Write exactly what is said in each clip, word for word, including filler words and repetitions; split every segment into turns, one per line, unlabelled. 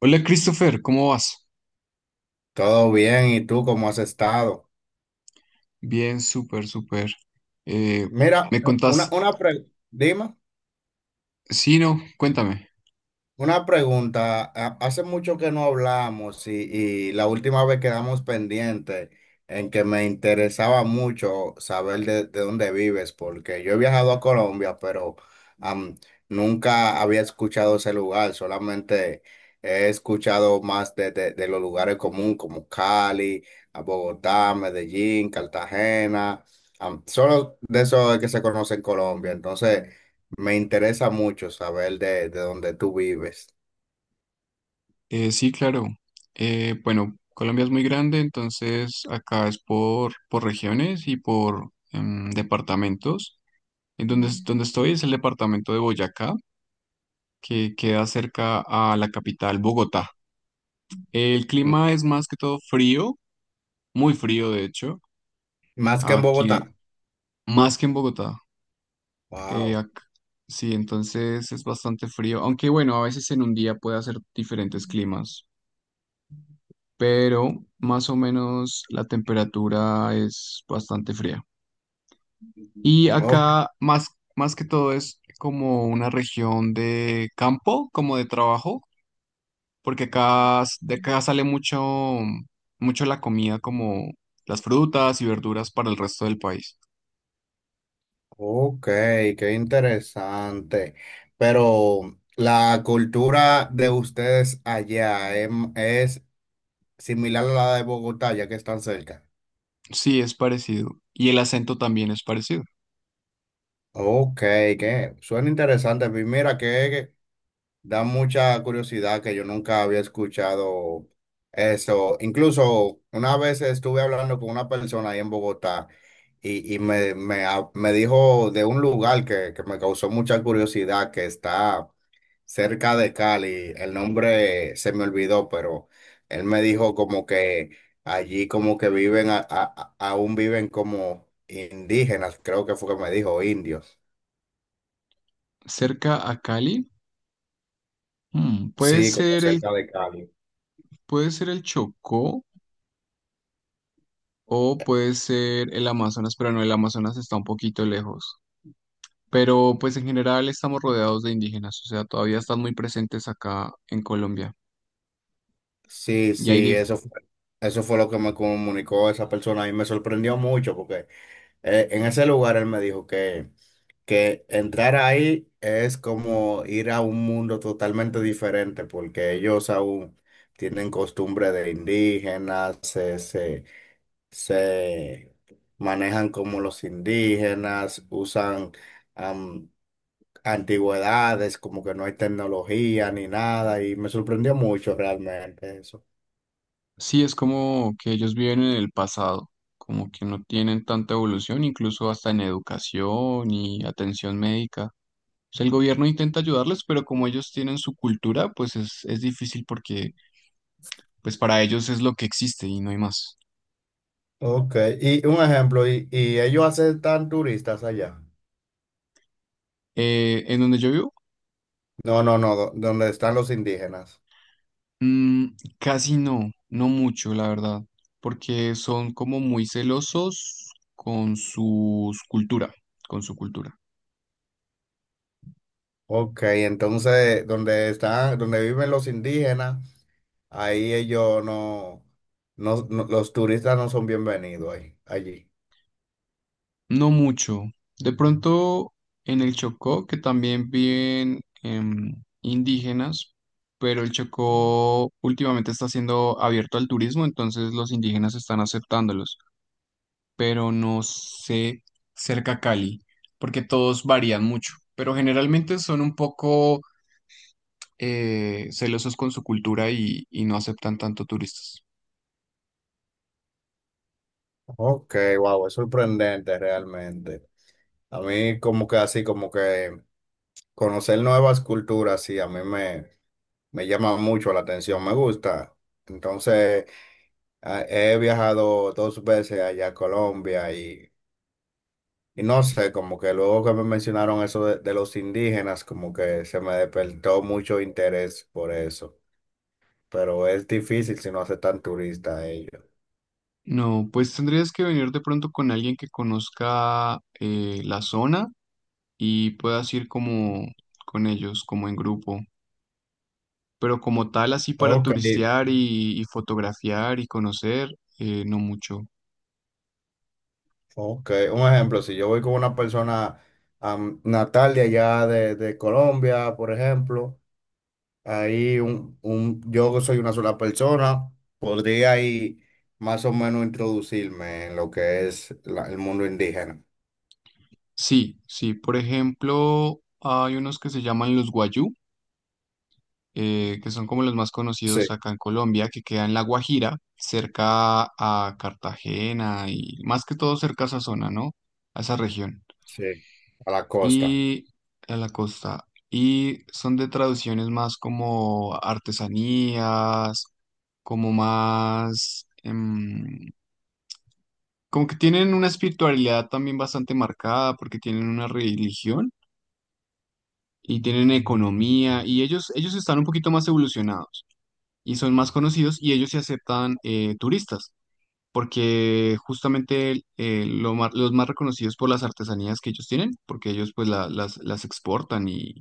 Hola Christopher, ¿cómo vas?
Todo bien, ¿y tú cómo has estado?
Bien, súper, súper. Eh,
Mira,
¿me
una,
contás?
una pre- dime.
Sí, no, cuéntame.
Una pregunta, ha- hace mucho que no hablamos y, y la última vez quedamos pendientes en que me interesaba mucho saber de, de dónde vives, porque yo he viajado a Colombia, pero am, nunca había escuchado ese lugar, solamente he escuchado más de, de- de los lugares comunes como Cali, a Bogotá, Medellín, Cartagena. Am, solo de eso es que se conoce en Colombia, entonces, me interesa mucho saber de, de dónde tú vives.
Eh, sí, claro. Eh, bueno, Colombia es muy grande, entonces acá es por, por regiones y por em, departamentos. En donde, es- donde estoy es el departamento de Boyacá, que queda cerca a la capital, Bogotá. El
M.
clima es más que todo frío, muy frío de hecho,
Más que en
aquí
Bogotá.
más que en Bogotá. Eh,
Wow.
ac- sí, entonces es bastante frío, aunque bueno, a veces en un día puede hacer diferentes climas, pero más o menos la temperatura es bastante fría. Y
Ok,
acá más, más que todo es como una región de campo, como de trabajo, porque acá s- de acá sale mucho, mucho la comida como las frutas y verduras para el resto del país.
ok, qué interesante. Pero la cultura de ustedes allá em- es similar a la de Bogotá, ya que están cerca.
Sí, es parecido. Y el acento también es parecido.
Ok, que suena interesante. Pues mira que da mucha curiosidad que yo nunca había escuchado eso. Incluso una vez estuve hablando con una persona ahí en Bogotá y, y me, me, ha- me dijo de un lugar que, que me causó mucha curiosidad, que está cerca de Cali. El nombre se me olvidó, pero él me dijo como que allí como que viven, a- a- a- aún viven como indígenas, creo que fue que me dijo, indios.
Cerca a Cali. Mm, puede
Sí, como
ser el,
cerca de Cali.
puede ser el Chocó o puede ser el Amazonas, pero no, el Amazonas está un poquito lejos. Pero pues en general estamos rodeados de indígenas, o sea, todavía están muy presentes acá en Colombia.
Sí,
Y ahí
sí,
dif-
eso fue, eso fue lo que me comunicó esa persona y me sorprendió mucho porque eh, en ese lugar él me dijo que, que entrar ahí es como ir a un mundo totalmente diferente porque ellos aún tienen costumbre de indígenas, se, se, se manejan como los indígenas, usan am, antigüedades, como que no hay tecnología ni nada y me sorprendió mucho realmente eso.
sí es como que ellos viven en el pasado, como que no tienen tanta evolución, incluso hasta en educación y atención médica. O sea, el gobierno intenta ayudarles, pero como ellos tienen su cultura, pues es, es difícil porque pues para ellos es lo que existe y no hay más.
Ok, y un ejemplo, y, y ellos aceptan turistas allá.
Eh, en donde yo vivo,
No, no, no, do- donde están los indígenas.
mm, casi no, no mucho, la verdad, porque son como muy celosos con su cultura, con su cultura.
Ok, entonces, donde están, donde viven los indígenas, ahí ellos no, no, no- los turistas no son bienvenidos ahí, allí.
No mucho. De pronto en el Chocó, que también viven em, indígenas, pero el Chocó últimamente está siendo abierto al turismo, entonces los indígenas están aceptándolos, pero no sé cerca a Cali, porque todos varían mucho, pero generalmente son un poco eh, celosos con su cultura y, y no aceptan tanto turistas.
Ok, wow, es sorprendente realmente. A mí como que así, como que conocer nuevas culturas, sí, a mí me, me llama mucho la atención, me gusta. Entonces, ah, he viajado dos veces allá a Colombia y, y no sé, como que luego que me mencionaron eso de, de los indígenas, como que se me despertó mucho interés por eso. Pero es difícil si no hace tan turista ellos.
No, pues tendrías que venir de pronto con alguien que conozca eh, la zona y puedas ir como con ellos, como en grupo. Pero como tal, así para
Ok,
turistear y, y fotografiar y conocer, eh, no mucho.
ok. Un ejemplo, si yo voy con una persona am, natal de allá de, de Colombia, por ejemplo, ahí un, un, yo soy una sola persona, podría ahí más o menos introducirme en lo que es la- el mundo indígena.
Sí, sí, por ejemplo, hay unos que se llaman los Guayú. eh, que son como los más
Sí,
conocidos acá en Colombia, que queda en La Guajira, cerca a Cartagena y más que todo cerca a esa zona, ¿no? A esa región
sí, a la costa.
y a la costa. Y son de traducciones más como artesanías, como más... em, como que tienen una espiritualidad también bastante marcada porque tienen una religión y tienen economía y ellos, ellos están un poquito más evolucionados. Y son más conocidos y ellos sí aceptan eh, turistas, porque justamente eh, lo ma- los más reconocidos por las artesanías que ellos tienen, porque ellos pues la- las, las exportan y,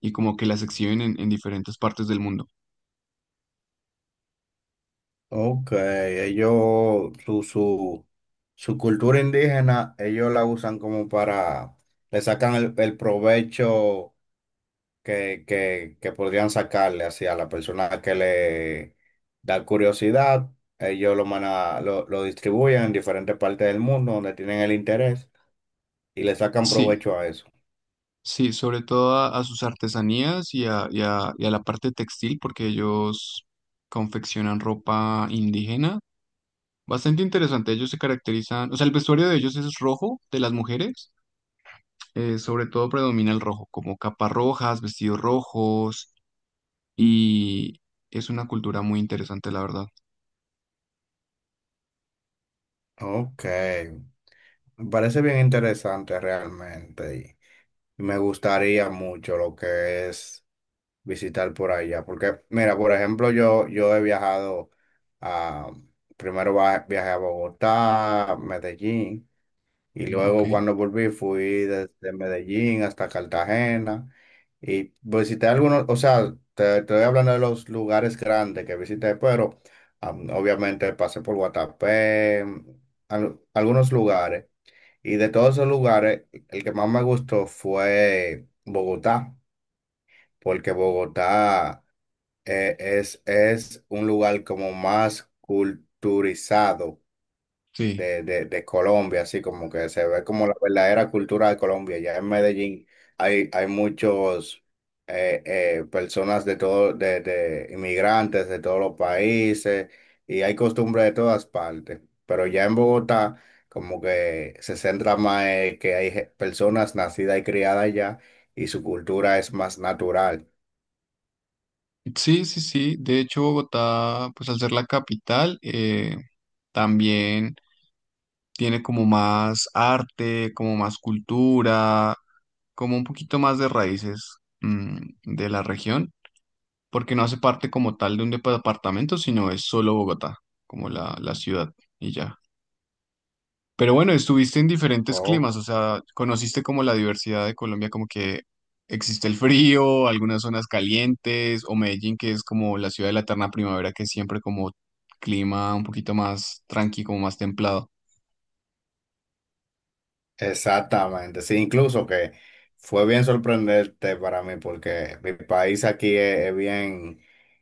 y como que las exhiben en, en diferentes partes del mundo.
Ok, ellos, su, su, su cultura indígena, ellos la usan como para, le sacan el, el provecho que, que, que podrían sacarle hacia la persona que le da curiosidad. Ellos lo, mana- lo, lo distribuyen en diferentes partes del mundo donde tienen el interés y le sacan
Sí,
provecho a eso.
sí, sobre todo a, a sus artesanías y a, y a, y a la parte textil, porque ellos confeccionan ropa indígena. Bastante interesante, ellos se caracterizan, o sea, el vestuario de ellos es rojo de las mujeres eh, sobre todo predomina el rojo, como capas rojas, vestidos rojos, y es una cultura muy interesante, la verdad.
Ok, me parece bien interesante realmente. Me gustaría mucho lo que es visitar por allá, porque mira, por ejemplo, yo, yo he viajado a, primero va- viajé a Bogotá, Medellín, y
Mm, ok,
luego cuando volví fui desde Medellín hasta Cartagena y visité algunos, o sea, te, te estoy hablando de los lugares grandes que visité, pero am, obviamente pasé por Guatapé, mm, al- algunos lugares. Y de todos esos lugares, el que más me gustó fue Bogotá, porque Bogotá eh, es, es un lugar como más culturizado
sí.
de, de, de Colombia, así como que se ve como. Mm. La verdadera cultura de Colombia. Ya en Medellín hay, hay muchos eh, eh, personas de todo, de, de inmigrantes de todos los países y hay costumbres de todas partes. Pero ya en Bogotá como que se centra más en que hay ge- personas nacidas y criadas allá y su cultura es más natural.
Sí, sí, sí. De hecho, Bogotá, pues al ser la capital, eh, también tiene como más arte, como más cultura, como un poquito más de raíces, mm, de la región, porque no hace parte como tal de un departamento, sino es solo Bogotá, como la, la ciudad, y ya. Pero bueno, estuviste en diferentes climas, o sea, conociste como la diversidad de Colombia, como que existe el frío, algunas zonas calientes, o Medellín, que es como la ciudad de la eterna primavera, que es siempre como clima un poquito más tranqui, como más templado.
Exactamente, sí, incluso que fue bien sorprendente para mí porque mi país aquí es, es bien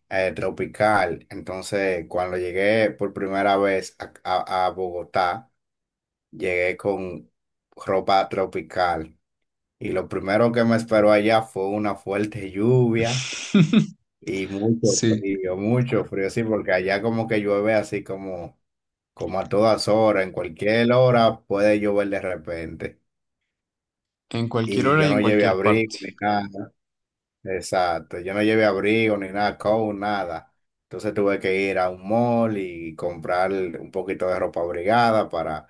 eh, tropical, entonces cuando llegué por primera vez a, a- a Bogotá, llegué con ropa tropical y lo primero que me esperó allá fue una fuerte lluvia y mucho
Sí,
frío, mucho frío, sí, porque allá como que llueve así como, como a todas horas, en cualquier hora puede llover de repente.
en cualquier
Y
hora
yo
y en
no llevé
cualquier parte.
abrigo ni nada. Exacto. Yo no llevé abrigo ni nada, coat, nada. Entonces tuve que ir a un mall y comprar un poquito de ropa abrigada para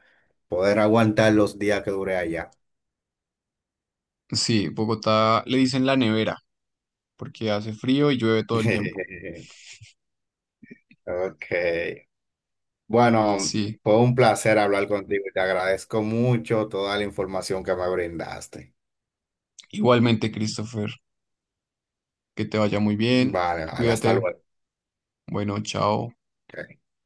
poder aguantar los días que duré allá.
Sí, Bogotá le dicen la nevera, porque hace frío y llueve todo el tiempo.
Ok. Bueno,
Sí,
fue un placer hablar contigo y te agradezco mucho toda la información que me brindaste.
igualmente, Christopher, que te vaya muy bien,
Vale, vale, hasta
cuídate,
luego.
bueno, chao.
Ok, chao.